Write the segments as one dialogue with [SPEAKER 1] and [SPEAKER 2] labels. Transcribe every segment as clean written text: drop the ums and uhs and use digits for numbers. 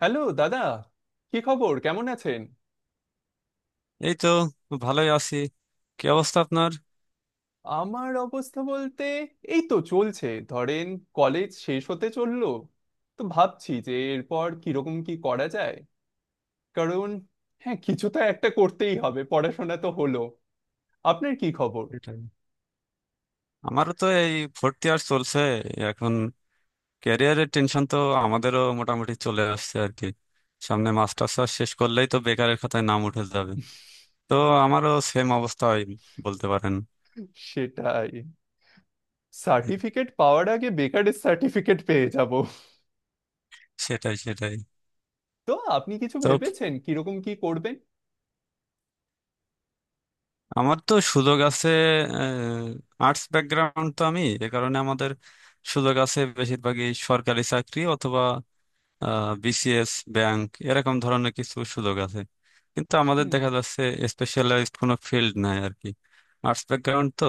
[SPEAKER 1] Hello দাদা, কি খবর, কেমন আছেন?
[SPEAKER 2] এই তো ভালোই আছি। কি অবস্থা আপনার?
[SPEAKER 1] আমার অবস্থা বলতে এই তো চলছে ধরেন। কলেজ শেষ হতে চললো, তো ভাবছি যে এরপর কিরকম কি করা যায়। কারণ হ্যাঁ, কিছু তো একটা করতেই হবে, পড়াশোনা তো হলো। আপনার কি খবর?
[SPEAKER 2] সেটাই। আমারও তো এই ফোর্থ ইয়ার চলছে এখন। ক্যারিয়ারের টেনশন তো আমাদেরও মোটামুটি চলে আসছে আর কি। সামনে মাস্টার্স শেষ করলেই তো বেকারের খাতায় নাম উঠে যাবে। তো আমারও সেম অবস্থা হয় বলতে পারেন।
[SPEAKER 1] সেটাই, সার্টিফিকেট পাওয়ার আগে বেকারের সার্টিফিকেট পেয়ে যাব।
[SPEAKER 2] সেটাই সেটাই।
[SPEAKER 1] তো আপনি কিছু
[SPEAKER 2] তো
[SPEAKER 1] ভেবেছেন কিরকম কি করবেন?
[SPEAKER 2] আমার তো সুযোগ আছে, আর্টস ব্যাকগ্রাউন্ড তো, আমি এ কারণে আমাদের সুযোগ আছে বেশিরভাগই সরকারি চাকরি অথবা বিসিএস, ব্যাংক, এরকম ধরনের কিছু সুযোগ আছে। কিন্তু আমাদের
[SPEAKER 1] হুম।
[SPEAKER 2] দেখা যাচ্ছে স্পেশালাইজড কোনো ফিল্ড নাই আর কি। আর্টস ব্যাকগ্রাউন্ড তো।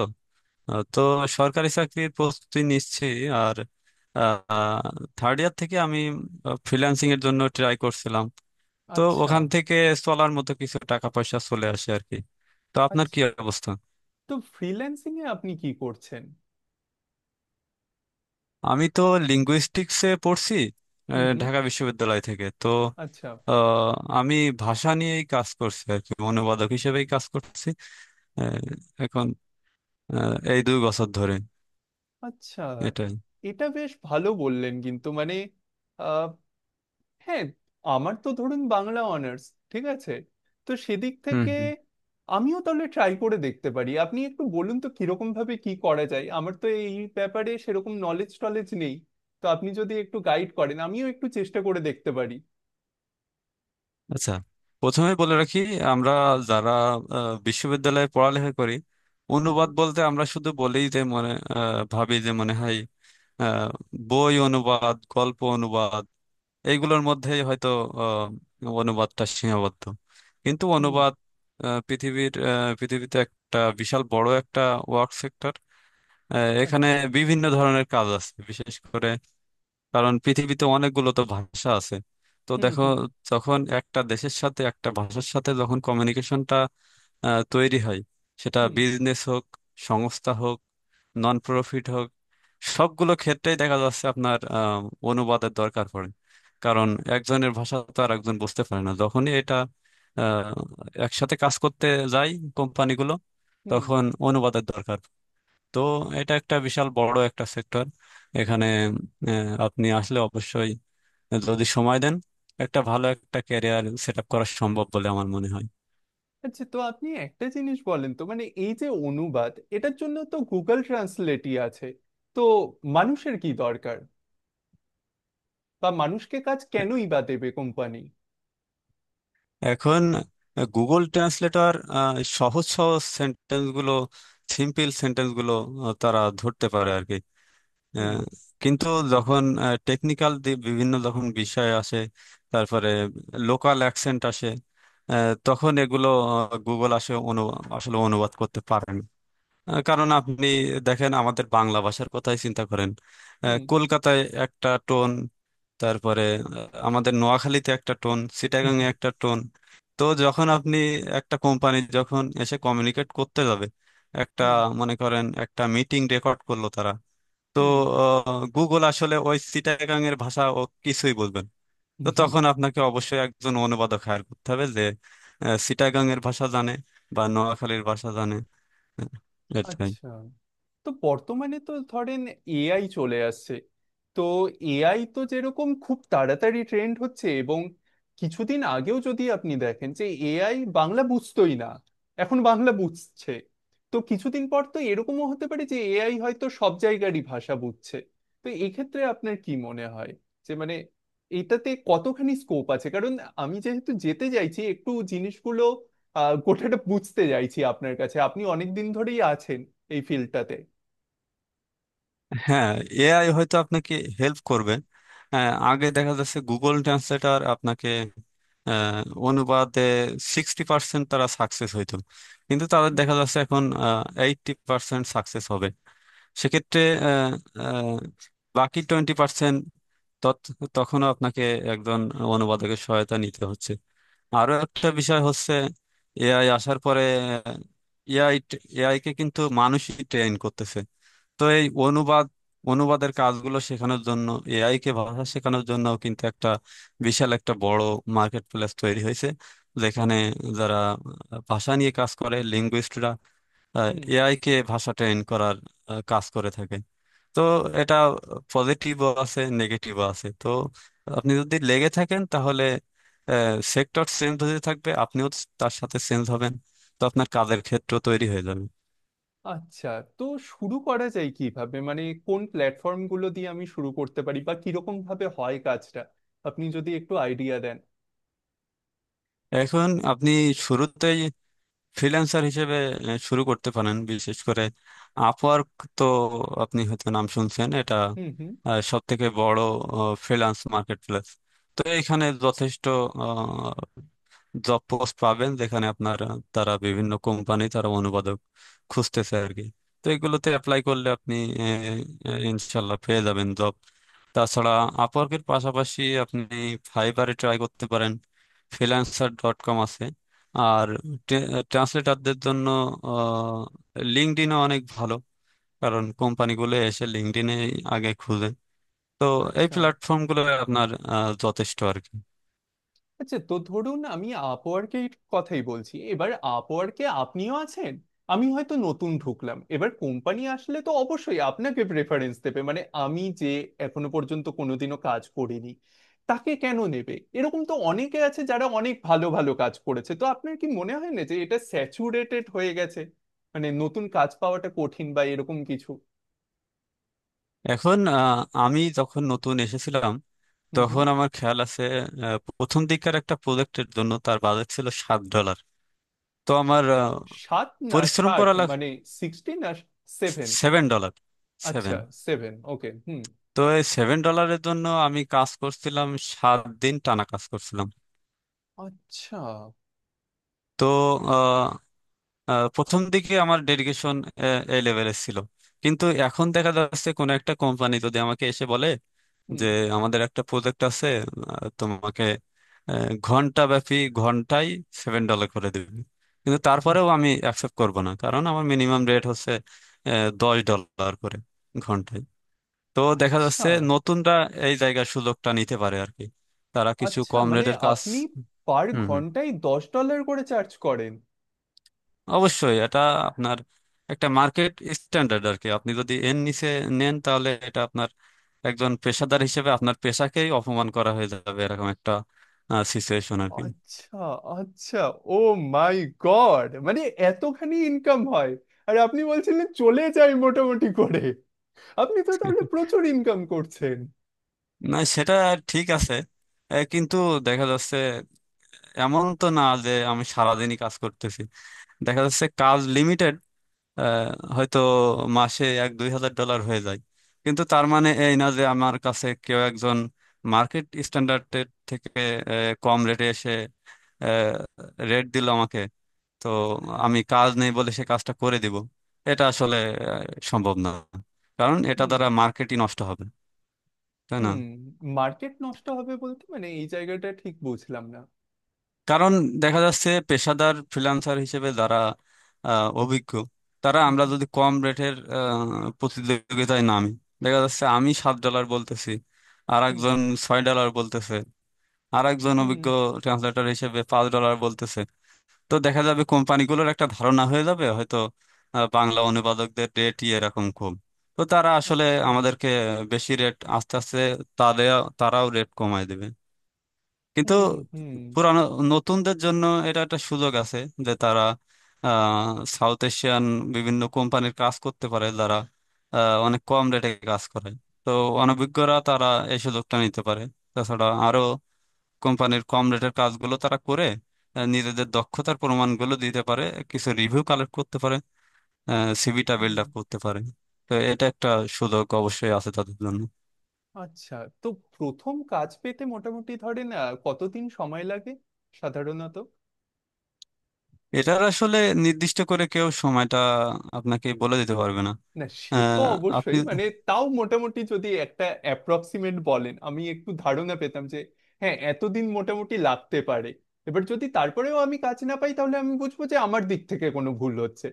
[SPEAKER 2] তো সরকারি চাকরির প্রস্তুতি নিচ্ছি। আর থার্ড ইয়ার থেকে আমি ফ্রিল্যান্সিং এর জন্য ট্রাই করছিলাম। তো
[SPEAKER 1] আচ্ছা।
[SPEAKER 2] ওখান থেকে চলার মতো কিছু টাকা পয়সা চলে আসে আর কি। তো আপনার
[SPEAKER 1] আচ্ছা,
[SPEAKER 2] কি অবস্থা?
[SPEAKER 1] তো ফ্রিল্যান্সিং এ আপনি কি করছেন?
[SPEAKER 2] আমি তো লিঙ্গুইস্টিক্সে পড়ছি।
[SPEAKER 1] হুম হুম।
[SPEAKER 2] ঢাকা বিশ্ববিদ্যালয় থেকে তো।
[SPEAKER 1] আচ্ছা।
[SPEAKER 2] আহ, আমি ভাষা নিয়েই কাজ করছি আর কি, অনুবাদক হিসেবেই কাজ করছি আহ, এখন, এই 2 বছর ধরে।
[SPEAKER 1] আচ্ছা,
[SPEAKER 2] এটাই।
[SPEAKER 1] এটা বেশ ভালো বললেন, কিন্তু মানে আহ, হ্যাঁ, আমার তো ধরুন বাংলা অনার্স, ঠিক আছে, তো সেদিক
[SPEAKER 2] হুম
[SPEAKER 1] থেকে
[SPEAKER 2] হুম।
[SPEAKER 1] আমিও তাহলে ট্রাই করে দেখতে পারি। আপনি একটু বলুন তো কিরকম ভাবে কি করা যায়, আমার তো এই ব্যাপারে সেরকম নলেজ টলেজ নেই, তো আপনি যদি একটু গাইড করেন আমিও একটু চেষ্টা করে দেখতে পারি।
[SPEAKER 2] আচ্ছা, প্রথমে বলে রাখি আমরা যারা বিশ্ববিদ্যালয়ে পড়ালেখা করি,
[SPEAKER 1] হুম
[SPEAKER 2] অনুবাদ
[SPEAKER 1] হুম।
[SPEAKER 2] বলতে আমরা শুধু বলেই যে মনে ভাবি যে মনে হয় আহ, বই অনুবাদ, গল্প অনুবাদ, এইগুলোর মধ্যেই হয়তো অনুবাদটা সীমাবদ্ধ। কিন্তু
[SPEAKER 1] হুম।
[SPEAKER 2] অনুবাদ পৃথিবীতে একটা বিশাল বড় একটা ওয়ার্ক সেক্টর। এখানে
[SPEAKER 1] আচ্ছা।
[SPEAKER 2] বিভিন্ন ধরনের কাজ আছে, বিশেষ করে কারণ পৃথিবীতে অনেকগুলো তো ভাষা আছে। তো
[SPEAKER 1] হুম
[SPEAKER 2] দেখো,
[SPEAKER 1] হুম।
[SPEAKER 2] যখন একটা দেশের সাথে, একটা ভাষার সাথে যখন কমিউনিকেশনটা তৈরি হয়, সেটা
[SPEAKER 1] হুম
[SPEAKER 2] বিজনেস হোক, সংস্থা হোক, নন প্রফিট হোক, সবগুলো ক্ষেত্রেই দেখা যাচ্ছে আপনার অনুবাদের দরকার পড়ে। কারণ একজনের ভাষা তো আর একজন বুঝতে পারে না। যখনই এটা আহ, একসাথে কাজ করতে যায় কোম্পানিগুলো,
[SPEAKER 1] হুম।
[SPEAKER 2] তখন অনুবাদের দরকার। তো এটা একটা বিশাল বড় একটা সেক্টর। এখানে আপনি আসলে অবশ্যই যদি সময় দেন, একটা ভালো একটা ক্যারিয়ার সেট আপ করা সম্ভব বলে আমার মনে হয়।
[SPEAKER 1] আচ্ছা, তো আপনি একটা জিনিস বলেন তো, মানে এই যে অনুবাদ, এটার জন্য তো গুগল ট্রান্সলেটই আছে। তো মানুষের কি দরকার, বা মানুষকে কাজ কেনই বা দেবে কোম্পানি?
[SPEAKER 2] এখন গুগল ট্রান্সলেটর সহজ সহজ সেন্টেন্স গুলো, সিম্পল সেন্টেন্স গুলো তারা ধরতে পারে আর কি। আহ,
[SPEAKER 1] হুম।
[SPEAKER 2] কিন্তু যখন টেকনিক্যাল বিভিন্ন যখন বিষয় আসে, তারপরে লোকাল অ্যাকসেন্ট আসে, তখন এগুলো গুগল আসে আসলে অনুবাদ করতে পারে না। কারণ আপনি দেখেন আমাদের বাংলা ভাষার কথাই চিন্তা করেন।
[SPEAKER 1] হুম।
[SPEAKER 2] কলকাতায় একটা টোন, তারপরে আহ, আমাদের নোয়াখালীতে একটা টোন,
[SPEAKER 1] হুম।
[SPEAKER 2] চিটাগাং এ একটা টোন। তো যখন আপনি একটা কোম্পানি যখন এসে কমিউনিকেট করতে যাবে, একটা,
[SPEAKER 1] হুম।
[SPEAKER 2] মনে করেন একটা মিটিং রেকর্ড করলো তারা, তো
[SPEAKER 1] হুম।
[SPEAKER 2] গুগল আসলে ওই চিটাগাং এর ভাষা ও কিছুই বলবেন। তো
[SPEAKER 1] হুম।
[SPEAKER 2] তখন আপনাকে অবশ্যই একজন অনুবাদক হায়ার করতে হবে যে চিটাগাং এর ভাষা জানে বা নোয়াখালীর ভাষা জানে। হ্যাঁ, এটাই।
[SPEAKER 1] আচ্ছা, তো বর্তমানে তো ধরেন এআই চলে আসছে। তো এআই তো যেরকম খুব তাড়াতাড়ি ট্রেন্ড হচ্ছে, এবং কিছুদিন আগেও যদি আপনি দেখেন যে এআই বাংলা বুঝতোই না, এখন বাংলা বুঝছে। তো কিছুদিন পর তো এরকমও হতে পারে যে এআই হয়তো সব জায়গারই ভাষা বুঝছে। তো এক্ষেত্রে আপনার কি মনে হয় যে মানে এটাতে কতখানি স্কোপ আছে? কারণ আমি যেহেতু যেতে চাইছি, একটু জিনিসগুলো গোটাটা বুঝতে চাইছি আপনার কাছে, আপনি অনেক দিন ধরেই আছেন এই ফিল্ডটাতে।
[SPEAKER 2] হ্যাঁ, এআই হয়তো আপনাকে হেল্প করবে। আগে দেখা যাচ্ছে গুগল ট্রান্সলেটর আপনাকে আহ, অনুবাদে 60% তারা সাকসেস হইতো। কিন্তু তাদের
[SPEAKER 1] হুম
[SPEAKER 2] দেখা যাচ্ছে এখন 80% সাকসেস হবে। সেক্ষেত্রে আহ, আহ, বাকি 20% তখনও আপনাকে একজন অনুবাদকের সহায়তা নিতে হচ্ছে। আরো একটা বিষয় হচ্ছে, এআই আসার পরে এআই এআই কে কিন্তু মানুষই ট্রেন করতেছে। তো এই অনুবাদের কাজগুলো শেখানোর জন্য, এআই কে ভাষা শেখানোর জন্য কিন্তু একটা বিশাল একটা বড় মার্কেট প্লেস তৈরি হয়েছে, যেখানে যারা ভাষা নিয়ে কাজ করে, লিঙ্গুইস্টরা
[SPEAKER 1] হুম।
[SPEAKER 2] এআই কে ভাষা ট্রেন করার কাজ করে থাকে। তো এটা পজিটিভও আছে, নেগেটিভও আছে। তো আপনি যদি লেগে থাকেন, তাহলে সেক্টর চেঞ্জ হতে থাকবে, আপনিও তার সাথে চেঞ্জ হবেন। তো আপনার কাজের ক্ষেত্র তৈরি হয়ে যাবে।
[SPEAKER 1] আচ্ছা, তো শুরু করা যায় কিভাবে? মানে কোন প্ল্যাটফর্ম গুলো দিয়ে আমি শুরু করতে পারি, বা কিরকম ভাবে হয় কাজটা? আপনি যদি একটু আইডিয়া দেন।
[SPEAKER 2] এখন আপনি শুরুতেই ফ্রিল্যান্সার হিসেবে শুরু করতে পারেন, বিশেষ করে আপওয়ার্ক। তো আপনি হয়তো নাম শুনছেন এটা,
[SPEAKER 1] হুম হুম।
[SPEAKER 2] সব থেকে বড় ফ্রিল্যান্স মার্কেট প্লেস। তো এখানে যথেষ্ট জব পোস্ট পাবেন যেখানে আপনার তারা বিভিন্ন কোম্পানি, তারা অনুবাদক খুঁজতেছে আর কি। তো এগুলোতে অ্যাপ্লাই করলে আপনি আহ, আহ, ইনশাল্লাহ পেয়ে যাবেন জব। তাছাড়া আপওয়ার্কের পাশাপাশি আপনি ফাইবারে ট্রাই করতে পারেন, ফ্রিল্যান্সার ডট কম আছে। আর ট্রান্সলেটারদের জন্য লিঙ্কডইনও অনেক ভালো, কারণ কোম্পানিগুলো এসে লিঙ্কডইনে আগে খুঁজে। তো এই
[SPEAKER 1] আচ্ছা।
[SPEAKER 2] প্ল্যাটফর্মগুলো আপনার যথেষ্ট আর কি।
[SPEAKER 1] আচ্ছা, তো ধরুন আমি আপওয়ার্কের কথাই বলছি এবার। আপওয়ার্কে আপনিও আছেন, আমি হয়তো নতুন ঢুকলাম এবার। কোম্পানি আসলে তো অবশ্যই আপনাকে প্রেফারেন্স দেবে, মানে আমি যে এখনো পর্যন্ত কোনোদিনও কাজ করিনি তাকে কেন নেবে? এরকম তো অনেকে আছে যারা অনেক ভালো ভালো কাজ করেছে। তো আপনার কি মনে হয় না যে এটা স্যাচুরেটেড হয়ে গেছে? মানে নতুন কাজ পাওয়াটা কঠিন বা এরকম কিছু?
[SPEAKER 2] এখন আমি যখন নতুন এসেছিলাম,
[SPEAKER 1] হুম হুম।
[SPEAKER 2] তখন আমার খেয়াল আছে প্রথম দিককার একটা প্রজেক্টের জন্য তার বাজেট ছিল $7। তো আমার
[SPEAKER 1] সাত না
[SPEAKER 2] পরিশ্রম
[SPEAKER 1] 60
[SPEAKER 2] করা
[SPEAKER 1] মানে? 60 না সেভেন?
[SPEAKER 2] $7,
[SPEAKER 1] আচ্ছা।
[SPEAKER 2] সেভেন।
[SPEAKER 1] Seven, okay. হুম।
[SPEAKER 2] তো এই সেভেন ডলারের জন্য আমি কাজ করছিলাম, 7 দিন টানা কাজ করছিলাম।
[SPEAKER 1] আচ্ছা।
[SPEAKER 2] তো আহ, আহ, প্রথম দিকে আমার ডেডিকেশন এই লেভেলের ছিল। কিন্তু এখন দেখা যাচ্ছে কোনো একটা কোম্পানি যদি আমাকে এসে বলে যে
[SPEAKER 1] হুম
[SPEAKER 2] আমাদের একটা প্রজেক্ট আছে, তোমাকে ঘন্টা ব্যাপী, ঘন্টায় $7 করে দেবে, কিন্তু
[SPEAKER 1] হুম,
[SPEAKER 2] তারপরেও আমি অ্যাকসেপ্ট করব না, কারণ আমার মিনিমাম রেট হচ্ছে $10 করে ঘন্টায়। তো দেখা
[SPEAKER 1] আচ্ছা।
[SPEAKER 2] যাচ্ছে নতুনরা এই জায়গার সুযোগটা নিতে পারে আর কি, তারা কিছু
[SPEAKER 1] আচ্ছা,
[SPEAKER 2] কম
[SPEAKER 1] মানে
[SPEAKER 2] রেটের কাজ।
[SPEAKER 1] আপনি পার
[SPEAKER 2] হুম হুম।
[SPEAKER 1] ঘন্টায় $10 করে চার্জ করেন?
[SPEAKER 2] অবশ্যই এটা আপনার একটা মার্কেট স্ট্যান্ডার্ড আর কি। আপনি যদি এর নিচে নেন, তাহলে এটা আপনার একজন পেশাদার হিসেবে আপনার পেশাকেই অপমান করা হয়ে যাবে, এরকম একটা সিচুয়েশন আর কি।
[SPEAKER 1] আচ্ছা। আচ্ছা। ও মাই গড, মানে এতখানি ইনকাম হয়! আর আপনি বলছিলেন চলে যায় মোটামুটি করে, আপনি তো তাহলে প্রচুর ইনকাম করছেন।
[SPEAKER 2] না সেটা ঠিক আছে। কিন্তু দেখা যাচ্ছে এমন তো না যে আমি সারাদিনই কাজ করতেছি। দেখা যাচ্ছে কাজ লিমিটেড। আহ, হয়তো মাসে এক দুই হাজার ডলার হয়ে যায়। কিন্তু তার মানে এই না যে আমার কাছে কেউ একজন মার্কেট স্ট্যান্ডার্ডের থেকে আহ, কম রেটে এসে রেট দিল আমাকে, তো আমি কাজ নেই বলে সে কাজটা করে দিব। এটা আসলে আহ, সম্ভব না, কারণ এটা
[SPEAKER 1] হুম
[SPEAKER 2] দ্বারা মার্কেটই নষ্ট হবে, তাই না।
[SPEAKER 1] হুম। মার্কেট নষ্ট হবে বলতে, মানে এই জায়গাটা ঠিক বুঝলাম না।
[SPEAKER 2] কারণ দেখা যাচ্ছে পেশাদার ফ্রিল্যান্সার হিসেবে যারা অভিজ্ঞ, তারা আমরা
[SPEAKER 1] হুম
[SPEAKER 2] যদি কম রেটের প্রতিযোগিতায় নামি, দেখা যাচ্ছে আমি $7 বলতেছি, আর
[SPEAKER 1] হুম।
[SPEAKER 2] একজন $6 বলতেছে, আর একজন
[SPEAKER 1] হুম।
[SPEAKER 2] অভিজ্ঞ ট্রান্সলেটর হিসেবে $5 বলতেছে। তো দেখা যাবে কোম্পানিগুলোর একটা ধারণা হয়ে যাবে, হয়তো বাংলা অনুবাদকদের রেট এরকম কম। তো তারা আসলে
[SPEAKER 1] আচ্ছা।
[SPEAKER 2] আমাদেরকে বেশি রেট আস্তে আস্তে, তাদের তারাও রেট কমায় দেবে। কিন্তু
[SPEAKER 1] হুম হুম।
[SPEAKER 2] পুরানো, নতুনদের জন্য এটা একটা সুযোগ আছে, যে তারা সাউথ এশিয়ান বিভিন্ন কোম্পানির কাজ করতে পারে, যারা অনেক কম রেটে কাজ করে। তো অনভিজ্ঞরা তারা এই সুযোগটা নিতে পারে। তাছাড়া আরো কোম্পানির কম রেটের কাজগুলো তারা করে নিজেদের দক্ষতার প্রমাণগুলো দিতে পারে, কিছু রিভিউ কালেক্ট করতে পারে, সিভিটা বিল্ড
[SPEAKER 1] হুম।
[SPEAKER 2] আপ করতে পারে। তো এটা একটা সুযোগ অবশ্যই আছে তাদের জন্য।
[SPEAKER 1] আচ্ছা, তো প্রথম কাজ পেতে মোটামুটি ধরেন কতদিন সময় লাগে সাধারণত?
[SPEAKER 2] এটার আসলে নির্দিষ্ট করে কেউ সময়টা আপনাকে বলে দিতে পারবে না।
[SPEAKER 1] না সে তো
[SPEAKER 2] আহ, আপনি
[SPEAKER 1] অবশ্যই, মানে তাও মোটামুটি যদি একটা অ্যাপ্রক্সিমেট বলেন আমি একটু ধারণা পেতাম যে হ্যাঁ এতদিন মোটামুটি লাগতে পারে। এবার যদি তারপরেও আমি কাজ না পাই তাহলে আমি বুঝবো যে আমার দিক থেকে কোনো ভুল হচ্ছে।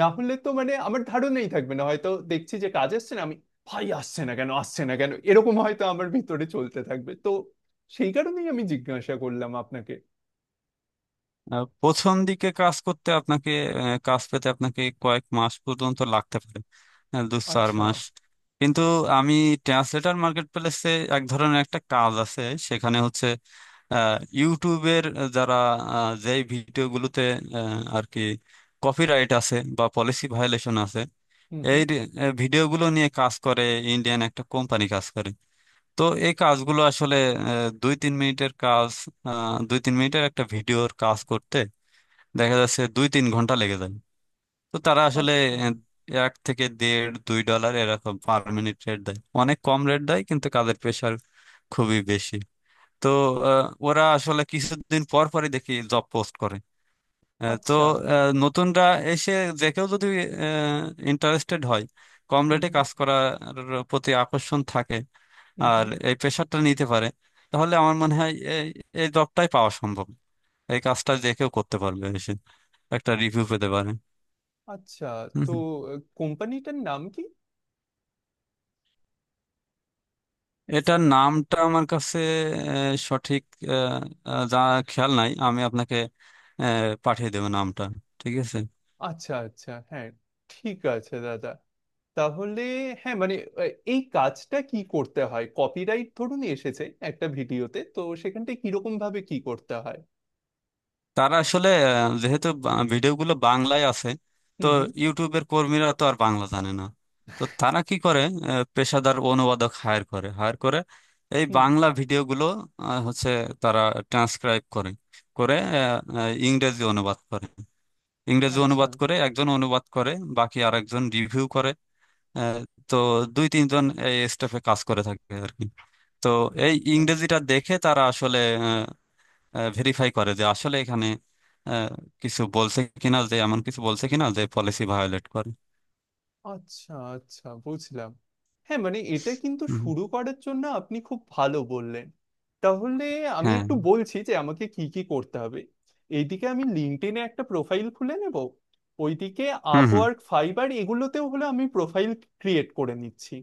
[SPEAKER 1] না হলে তো মানে আমার ধারণাই থাকবে না, হয়তো দেখছি যে কাজ আসছে না, আমি ভাই আসছে না কেন আসছে না কেন এরকম হয়তো আমার ভিতরে চলতে থাকবে। তো সেই কারণেই আমি জিজ্ঞাসা করলাম আপনাকে।
[SPEAKER 2] প্রথম দিকে কাজ করতে আপনাকে কাজ পেতে আপনাকে কয়েক মাস পর্যন্ত লাগতে পারে, দু চার
[SPEAKER 1] আচ্ছা।
[SPEAKER 2] মাস। কিন্তু আমি, ট্রান্সলেটর মার্কেট প্লেসে এক ধরনের একটা কাজ আছে, সেখানে হচ্ছে ইউটিউবের, যারা যেই ভিডিওগুলোতে আর কি কপিরাইট আছে বা পলিসি ভায়োলেশন আছে,
[SPEAKER 1] হুম
[SPEAKER 2] এই
[SPEAKER 1] হুম।
[SPEAKER 2] রে- আহ, ভিডিওগুলো নিয়ে কাজ করে ইন্ডিয়ান একটা কোম্পানি কাজ করে। তো এই কাজগুলো আসলে দুই তিন মিনিটের কাজ। দুই তিন মিনিটের একটা ভিডিওর কাজ করতে দেখা যাচ্ছে দুই তিন ঘন্টা লেগে যায়। তো তারা আসলে
[SPEAKER 1] আচ্ছা।
[SPEAKER 2] আহ, এক থেকে দেড় দুই ডলার এরকম পার মিনিট রেট দেয়, অনেক কম রেট দেয়, কিন্তু কাজের প্রেশার খুবই বেশি। তো ওরা আসলে কিছুদিন পর পরই দেখি জব পোস্ট করে। আহ, তো
[SPEAKER 1] আচ্ছা।
[SPEAKER 2] নতুনরা এসে যে কেউ যদি ইন্টারেস্টেড হয়, কম
[SPEAKER 1] হুম
[SPEAKER 2] রেটে
[SPEAKER 1] হুম।
[SPEAKER 2] কাজ করার প্রতি আকর্ষণ থাকে,
[SPEAKER 1] হুম
[SPEAKER 2] আর
[SPEAKER 1] হুম।
[SPEAKER 2] এই প্রেশারটা নিতে পারে, তাহলে আমার মনে হয় এই এই জবটাই পাওয়া সম্ভব। এই কাজটা যে কেউ করতে পারবে এসে, একটা রিভিউ পেতে পারে।
[SPEAKER 1] আচ্ছা,
[SPEAKER 2] হুম
[SPEAKER 1] তো
[SPEAKER 2] হুম।
[SPEAKER 1] কোম্পানিটার নাম কি?
[SPEAKER 2] এটার নামটা আমার কাছে সঠিক আহ, আহ, যা খেয়াল নাই, আমি আপনাকে আহ, পাঠিয়ে দেবো নামটা। ঠিক আছে।
[SPEAKER 1] আচ্ছা আচ্ছা, হ্যাঁ, ঠিক আছে দাদা। তাহলে হ্যাঁ, মানে এই কাজটা কি করতে হয়? কপিরাইট ধরুন এসেছে একটা ভিডিওতে, তো সেখানটায় কিরকম ভাবে কি করতে হয়?
[SPEAKER 2] তারা আসলে যেহেতু ভিডিওগুলো বাংলায় আছে, তো
[SPEAKER 1] হুম হুম।
[SPEAKER 2] ইউটিউবের কর্মীরা তো আর বাংলা জানে না। তো তারা কি করে, পেশাদার অনুবাদক হায়ার করে এই
[SPEAKER 1] হুম।
[SPEAKER 2] বাংলা ভিডিওগুলো হচ্ছে, তারা ট্রান্সক্রাইব করে করে আহ, আহ, ইংরেজি অনুবাদ করে,
[SPEAKER 1] আচ্ছা।
[SPEAKER 2] একজন অনুবাদ করে, বাকি আরেকজন রিভিউ করে। আহ, তো দুই তিনজন এই স্টাফে কাজ করে থাকে আর কি। তো এই
[SPEAKER 1] আচ্ছা।
[SPEAKER 2] ইংরেজিটা দেখে তারা আসলে ভেরিফাই করে যে আসলে এখানে আহ, কিছু বলছে কিনা, যে এমন কিছু বলছে কিনা যে পলিসি ভায়োলেট করে।
[SPEAKER 1] আচ্ছা। আচ্ছা বুঝলাম। হ্যাঁ, মানে এটা কিন্তু
[SPEAKER 2] হুম,
[SPEAKER 1] শুরু করার জন্য আপনি খুব ভালো বললেন। তাহলে আমি
[SPEAKER 2] হ্যাঁ,
[SPEAKER 1] একটু বলছি যে আমাকে কি কি করতে হবে। এইদিকে আমি লিঙ্কডইনে একটা প্রোফাইল খুলে নেব, ওইদিকে
[SPEAKER 2] হুম হুম,
[SPEAKER 1] আপওয়ার্ক, ফাইবার, এগুলোতেও হলে আমি প্রোফাইল ক্রিয়েট করে নিচ্ছি।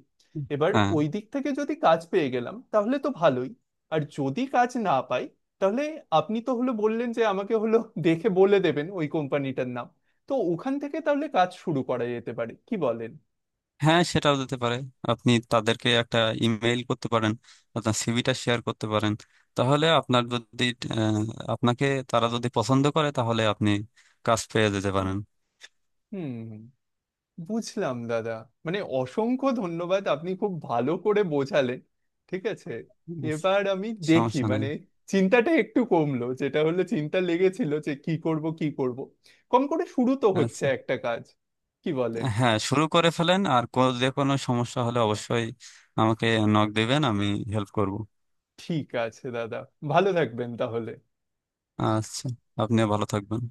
[SPEAKER 1] এবার
[SPEAKER 2] হ্যাঁ,
[SPEAKER 1] ওই দিক থেকে যদি কাজ পেয়ে গেলাম তাহলে তো ভালোই। আর যদি কাজ না পাই তাহলে আপনি তো হলো বললেন যে আমাকে হলো দেখে বলে দেবেন ওই কোম্পানিটার নাম, তো ওখান থেকে তাহলে কাজ শুরু করা যেতে পারে, কি বলেন?
[SPEAKER 2] হ্যাঁ সেটাও দিতে পারে। আপনি তাদেরকে একটা ইমেল করতে পারেন, আপনার সিভিটা শেয়ার করতে পারেন। তাহলে আপনার যদি আহ, আপনাকে তারা যদি পছন্দ করে, তাহলে আপনি কাজ পেয়ে যেতে পারেন।
[SPEAKER 1] হুম। বুঝলাম দাদা। মানে অসংখ্য ধন্যবাদ, আপনি খুব ভালো করে বোঝালেন। ঠিক আছে,
[SPEAKER 2] আচ্ছা,
[SPEAKER 1] এবার আমি দেখি,
[SPEAKER 2] সমস্যা নাই।
[SPEAKER 1] মানে চিন্তাটা একটু কমলো, যেটা হলো চিন্তা লেগেছিল যে কি করব কি করব। কম করে শুরু তো হচ্ছে
[SPEAKER 2] আচ্ছা।
[SPEAKER 1] একটা কাজ, কি বলেন?
[SPEAKER 2] হ্যাঁ, শুরু করে ফেলেন আর যে কোনো সমস্যা হলে অবশ্যই আমাকে নক দিবেন, আমি হেল্প করব।
[SPEAKER 1] ঠিক আছে দাদা, ভালো থাকবেন তাহলে।
[SPEAKER 2] আচ্ছা, আপনিও ভালো থাকবেন।